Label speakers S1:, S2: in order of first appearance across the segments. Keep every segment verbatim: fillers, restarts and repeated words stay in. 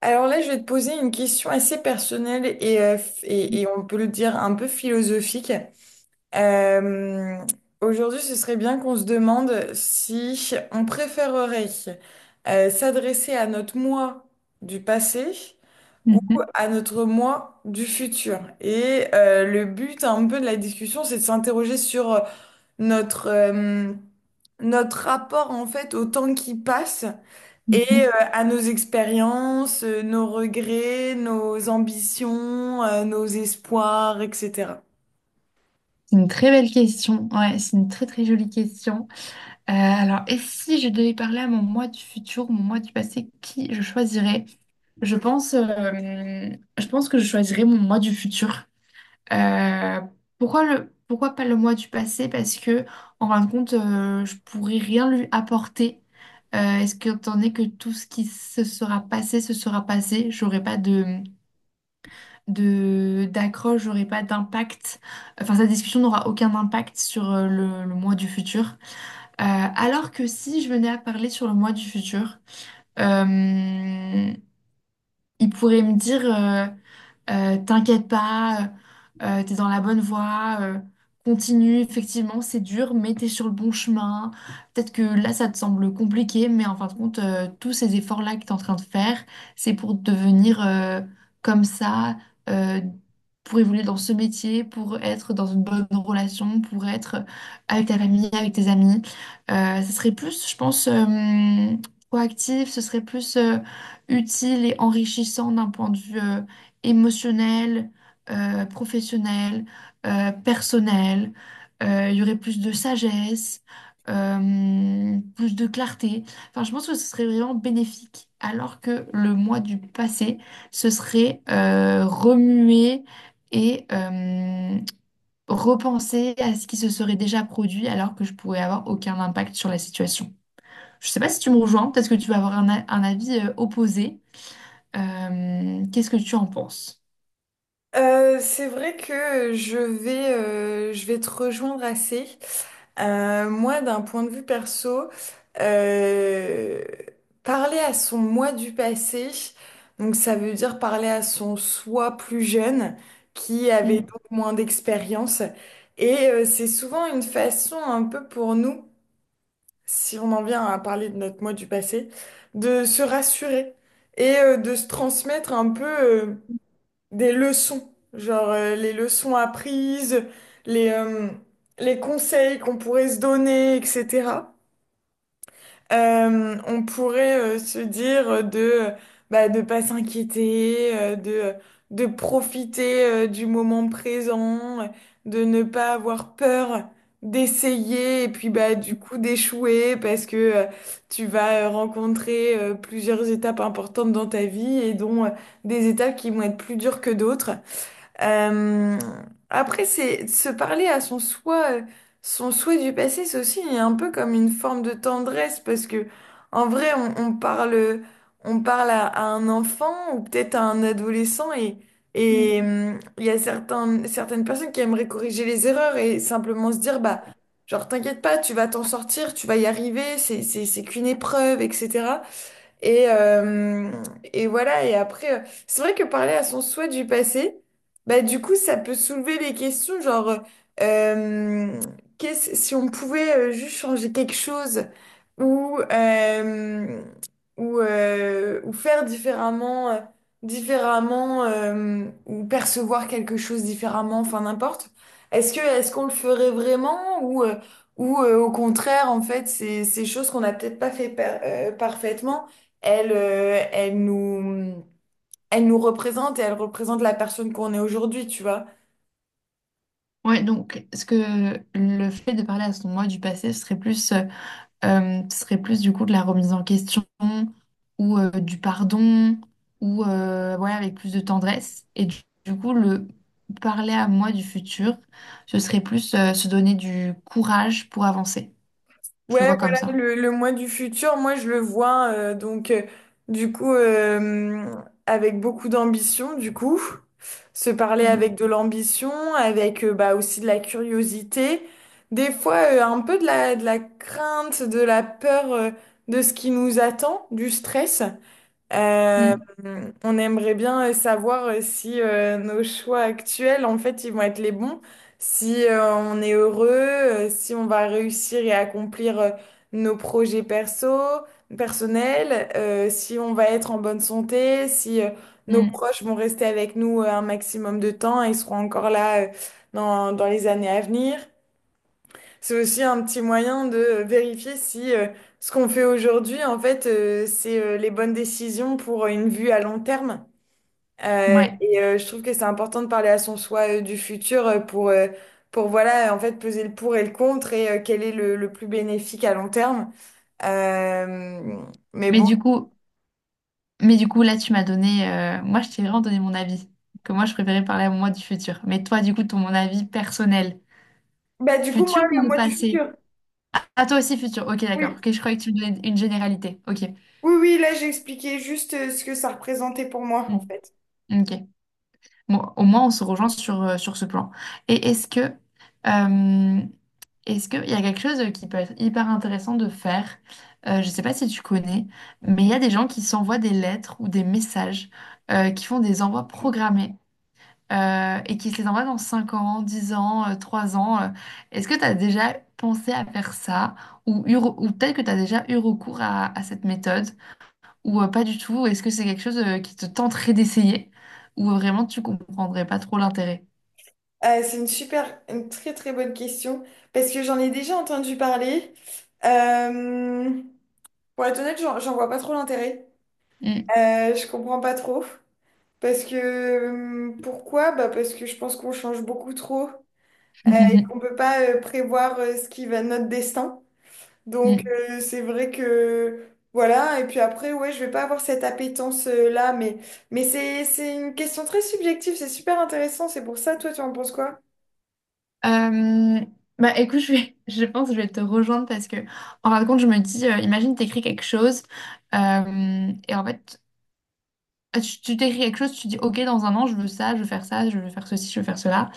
S1: Alors là, je vais te poser une question assez personnelle et, euh, f- et, et on peut le dire un peu philosophique. Euh, Aujourd'hui, ce serait bien qu'on se demande si on préférerait euh, s'adresser à notre moi du passé ou
S2: Mhm,
S1: à notre moi du futur. Et euh, le but un peu de la discussion, c'est de s'interroger sur euh, notre, euh, notre rapport en fait au temps qui passe et euh,
S2: mhm.
S1: à nos expériences, euh, nos regrets, nos ambitions, euh, nos espoirs, et cetera.
S2: C'est une très belle question. Ouais, c'est une très très jolie question. Euh, alors, et si je devais parler à mon moi du futur, mon moi du passé, qui je choisirais? Je pense, euh, je pense que je choisirais mon moi du futur. Euh, Pourquoi le, pourquoi pas le moi du passé? Parce que en fin de compte, euh, je pourrais rien lui apporter. Euh, est-ce que, étant donné que tout ce qui se sera passé se sera passé, j'aurais pas de de d'accroche, j'aurai pas d'impact. Enfin, cette discussion n'aura aucun impact sur euh, le, le mois du futur. Euh, alors que si je venais à parler sur le mois du futur, euh, il pourrait me dire euh, euh, t'inquiète pas, euh, euh, t'es dans la bonne voie, euh, continue, effectivement, c'est dur, mais t'es sur le bon chemin. Peut-être que là, ça te semble compliqué, mais en fin de compte, euh, tous ces efforts-là que t'es en train de faire, c'est pour devenir euh, comme ça, euh, pour évoluer dans ce métier, pour être dans une bonne relation, pour être avec ta famille, avec tes amis. Euh, ça serait plus, je pense, euh, proactif, ce serait plus. euh, utile et enrichissant d'un point de vue euh, émotionnel, euh, professionnel, euh, personnel. Euh, Il y aurait plus de sagesse, euh, plus de clarté. Enfin, je pense que ce serait vraiment bénéfique. Alors que le moi du passé, ce serait euh, remuer et euh, repenser à ce qui se serait déjà produit alors que je pourrais avoir aucun impact sur la situation. Je sais pas si tu me rejoins, peut-être que tu vas avoir un, a- un avis euh, opposé. Euh, qu'est-ce que tu en penses?
S1: Euh, c'est vrai que je vais, euh, je vais te rejoindre assez. Euh, moi, d'un point de vue perso, euh, parler à son moi du passé, donc ça veut dire parler à son soi plus jeune, qui avait
S2: Mm,
S1: donc moins d'expérience. Et euh, c'est souvent une façon un peu pour nous si on en vient à parler de notre moi du passé, de se rassurer et euh, de se transmettre un peu euh, des leçons, genre euh, les leçons apprises, les, euh, les conseils qu'on pourrait se donner, et cetera. Euh, on pourrait euh, se dire euh, de euh, bah, de pas s'inquiéter, euh, de de profiter euh, du moment présent, euh, de ne pas avoir peur d'essayer et puis bah du coup d'échouer parce que euh, tu vas euh, rencontrer euh, plusieurs étapes importantes dans ta vie et dont euh, des étapes qui vont être plus dures que d'autres. Euh, Après, c'est se parler à son soi, euh, son souhait du passé, c'est aussi un peu comme une forme de tendresse parce que en vrai, on, on parle, on parle à, à un enfant ou peut-être à un adolescent et
S2: mm.
S1: et hum, il y a certains, certaines personnes qui aimeraient corriger les erreurs et simplement se dire bah genre t'inquiète pas, tu vas t'en sortir, tu vas y arriver, c'est c'est c'est qu'une épreuve, et cetera. Et, euh, et voilà, et après, euh, c'est vrai que parler à son souhait du passé, bah du coup, ça peut soulever les questions, genre, euh, qu'est-ce, si on pouvait euh, juste changer quelque chose ou, euh, ou, euh, ou faire différemment, euh, différemment euh, ou percevoir quelque chose différemment, enfin n'importe. Est-ce que, est-ce qu'on le ferait vraiment ou, euh, ou euh, au contraire, en fait, c'est, c'est choses qu'on n'a peut-être pas fait par- euh, parfaitement, elle, euh, elle nous, elle nous représente et elle représente la personne qu'on est aujourd'hui, tu vois.
S2: Ouais, donc, est-ce que le fait de parler à son moi du passé serait plus, euh, euh, serait plus du coup de la remise en question ou euh, du pardon ou euh, ouais, avec plus de tendresse? Et du, du coup, le parler à moi du futur, ce serait plus euh, se donner du courage pour avancer. Je le
S1: Ouais,
S2: vois comme
S1: voilà,
S2: ça.
S1: le, le moi du futur, moi je le vois, euh, donc euh, du coup, euh, avec beaucoup d'ambition, du coup, se parler
S2: Mm,
S1: avec de l'ambition, avec euh, bah, aussi de la curiosité, des fois euh, un peu de la, de la crainte, de la peur euh, de ce qui nous attend, du stress. Euh,
S2: mm,
S1: on aimerait bien euh, savoir euh, si euh, nos choix actuels, en fait, ils vont être les bons, si euh, on est heureux, euh, si on va réussir et accomplir euh, nos projets perso, personnels, euh, si on va être en bonne santé, si euh, nos
S2: mm.
S1: proches vont rester avec nous euh, un maximum de temps et seront encore là euh, dans, dans les années à venir. C'est aussi un petit moyen de vérifier si euh, ce qu'on fait aujourd'hui, en fait, euh, c'est euh, les bonnes décisions pour euh, une vue à long terme. Euh,
S2: Ouais.
S1: et euh, je trouve que c'est important de parler à son soi euh, du futur euh, pour, euh, pour voilà, en fait, peser le pour et le contre et euh, quel est le, le plus bénéfique à long terme. Euh, mais
S2: Mais
S1: bon.
S2: du coup, Mais du coup, là, tu m'as donné. Euh, moi, je t'ai vraiment donné mon avis. Que moi, je préférais parler à moi du futur. Mais toi, du coup, ton mon avis personnel.
S1: Bah, du coup, moi,
S2: Futur
S1: le
S2: ou
S1: mois du
S2: passé?
S1: futur.
S2: Ah, toi aussi, futur. Ok, d'accord.
S1: Oui.
S2: Ok, je croyais que tu me donnais une généralité. Ok.
S1: Oui, oui, là, j'ai expliqué juste euh, ce que ça représentait pour moi,
S2: Hmm.
S1: en fait.
S2: Ok. Bon, au moins, on se rejoint sur, euh, sur ce plan. Et est-ce que. Euh, est-ce qu'il y a quelque chose qui peut être hyper intéressant de faire? Euh, je ne sais pas si tu connais, mais il y a des gens qui s'envoient des lettres ou des messages euh, qui font des envois programmés euh, et qui se les envoie dans cinq ans, dix ans, euh, trois ans. euh. Est-ce que tu as déjà pensé à faire ça ou, eu re- ou peut-être que tu as déjà eu recours à, à cette méthode ou euh, pas du tout? Est-ce que c'est quelque chose euh, qui te tenterait d'essayer ou euh, vraiment tu comprendrais pas trop l'intérêt?
S1: Euh, c'est une super, une très très bonne question parce que j'en ai déjà entendu parler. Euh, pour être honnête, j'en j'en vois pas trop l'intérêt.
S2: Mm.
S1: Euh, je comprends pas trop. Parce que euh, pourquoi? Bah parce que je pense qu'on change beaucoup trop euh, et qu'on peut pas euh, prévoir euh, ce qui va notre destin. Donc
S2: Mm.
S1: euh, c'est vrai que voilà. Et puis après, ouais, je vais pas avoir cette appétence euh, là, mais mais c'est c'est une question très subjective. C'est super intéressant. C'est pour ça, toi, tu en penses quoi?
S2: Euh, Bah écoute, je vais- je pense que je vais te rejoindre parce que en fin de compte, je me dis, euh, imagine t'écris quelque chose euh, et en fait, tu tu t'écris quelque chose, tu dis, ok, dans un an, je veux ça, je veux faire ça, je veux faire ceci, je veux faire cela.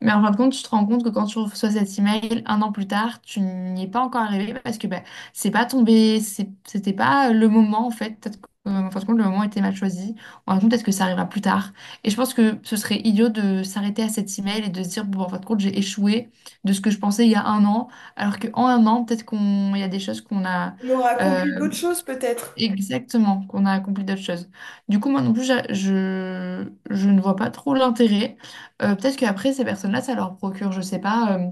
S2: Mais en fin de compte, tu te rends compte que quand tu reçois cet email un an plus tard, tu n'y es pas encore arrivé parce que ben, c'est pas tombé, c'est- c'était pas le moment en fait. Peut-être que, euh, en fin de compte, le moment était mal choisi. En fin de compte, peut-être que ça arrivera plus tard. Et je pense que ce serait idiot de s'arrêter à cet email et de se dire, bon, en fin de compte, j'ai échoué de ce que je pensais il y a un an, alors qu'en un an, peut-être qu'on, il y a des choses qu'on a.
S1: On aura
S2: euh,
S1: accompli d'autres choses peut-être.
S2: Exactement, qu'on a accompli d'autres choses. Du coup, moi non plus, j'a- je, je ne vois pas trop l'intérêt. Euh, peut-être qu'après, ces personnes-là, ça leur procure, je sais pas, euh,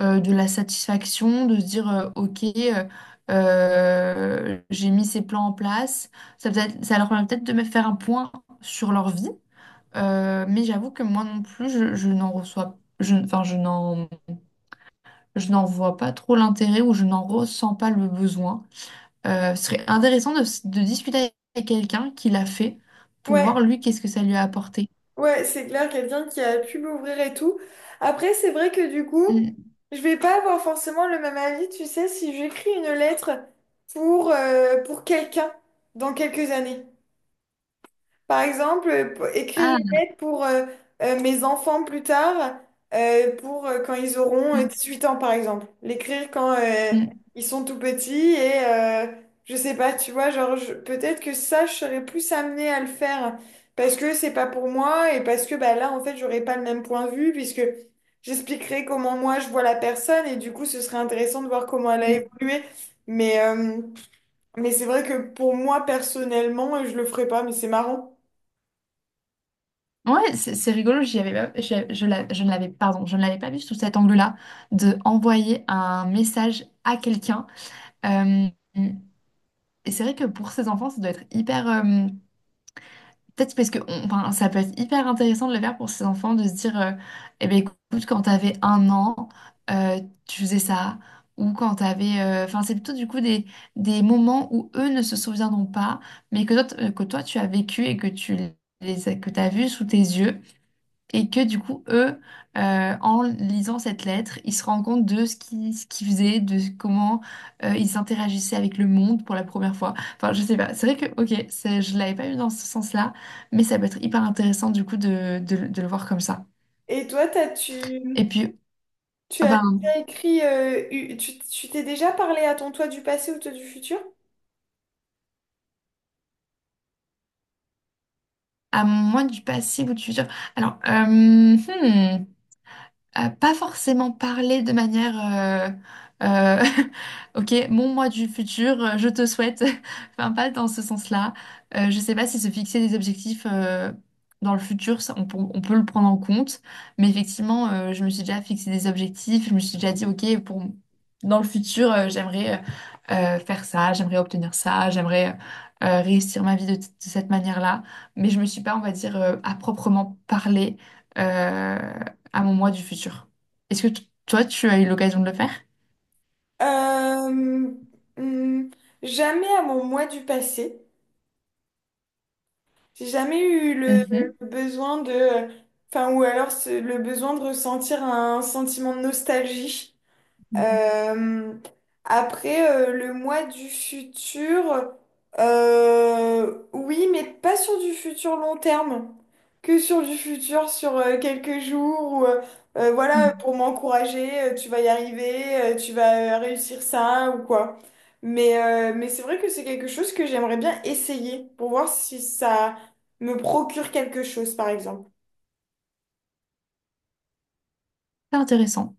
S2: euh, de la satisfaction de se dire, euh, OK, euh, euh, j'ai mis ces plans en place. Ça, peut-être- ça leur permet peut-être de me faire un point sur leur vie. Euh, mais j'avoue que moi non plus, je, je n'en reçois, je, enfin, je n'en, je n'en vois pas trop l'intérêt ou je n'en ressens pas le besoin. Euh, ce serait intéressant de, de discuter avec quelqu'un qui l'a fait pour
S1: Ouais,
S2: voir lui qu'est-ce que ça lui a apporté.
S1: ouais, c'est clair, quelqu'un qui a pu m'ouvrir et tout. Après, c'est vrai que du coup,
S2: Mm.
S1: je vais pas avoir forcément le même avis, tu sais, si j'écris une lettre pour, euh, pour quelqu'un dans quelques années. Par exemple, euh, pour- écrire
S2: Ah,
S1: une lettre pour euh, euh, mes enfants plus tard, euh, pour euh, quand ils auront euh,
S2: mm,
S1: huit ans, par exemple. L'écrire quand euh,
S2: mm,
S1: ils sont tout petits et euh, je sais pas, tu vois, genre je- peut-être que ça, je serais plus amenée à le faire parce que c'est pas pour moi et parce que bah, là, en fait, j'aurais pas le même point de vue puisque j'expliquerai comment moi je vois la personne et du coup, ce serait intéressant de voir comment elle a
S2: mm.
S1: évolué. Mais, euh, mais c'est vrai que pour moi, personnellement, je le ferais pas, mais c'est marrant.
S2: Ouais, c'est c'est rigolo, j'y avais pas- je, je l'a- je ne l'avais, pardon, je ne l'avais pas vu sous cet angle-là, de envoyer un message à quelqu'un. Euh, et c'est vrai que pour ces enfants, ça doit être hyper, euh, peut-être parce que on- enfin, ça peut être hyper intéressant de le faire pour ces enfants, de se dire, euh, eh ben, écoute, quand t'avais un an, euh, tu faisais ça. Ou quand t'avais... euh, Enfin, c'est plutôt du coup des, des moments où eux ne se souviendront pas, mais que toi, t- que toi tu as vécu et que tu les as- que t'as vu sous tes yeux. Et que du coup, eux, euh, en lisant cette lettre, ils se rendent compte de ce qu'ils ce qu'ils faisaient, de comment euh, ils interagissaient avec le monde pour la première fois. Enfin, je sais pas. C'est vrai que, ok, c'est- je l'avais pas eu dans ce sens-là, mais ça peut être hyper intéressant du coup de, de- de le voir comme ça.
S1: Et toi, t'as, tu,
S2: Et puis,
S1: tu
S2: ah
S1: as
S2: ben,
S1: déjà écrit, euh, u- tu tu t'es déjà parlé à ton toi du passé ou toi du futur?
S2: à moins du passif ou du futur. Alors, euh, hmm, Euh, pas forcément parler de manière euh, euh, ok mon moi du futur euh, je te souhaite enfin pas dans ce sens-là. Euh, je sais pas si se fixer des objectifs euh, dans le futur ça, on, peut on peut le prendre en compte, mais effectivement euh, je me suis déjà fixé des objectifs, je me suis déjà dit ok pour dans le futur euh, j'aimerais euh, euh, faire ça, j'aimerais obtenir ça, j'aimerais euh, euh, réussir ma vie de, de cette manière-là, mais je me suis pas on va dire euh, à proprement parler euh, à mon moi du futur. Est-ce que t- toi, tu as eu l'occasion de le faire?
S1: Euh, hmm, jamais à mon moi du passé. J'ai jamais eu le,
S2: Mhm.
S1: le besoin de, enfin, ou alors ce- le besoin de ressentir un sentiment de nostalgie. Euh, après, euh, le moi du futur, euh, oui, mais pas sur du futur long terme, que sur du futur sur euh, quelques jours, ou, euh, euh, voilà,
S2: Mhm.
S1: pour m'encourager, euh, tu vas y arriver, euh, tu vas euh, réussir ça ou quoi. Mais, euh, mais c'est vrai que c'est quelque chose que j'aimerais bien essayer pour voir si ça me procure quelque chose, par exemple.
S2: C'est intéressant.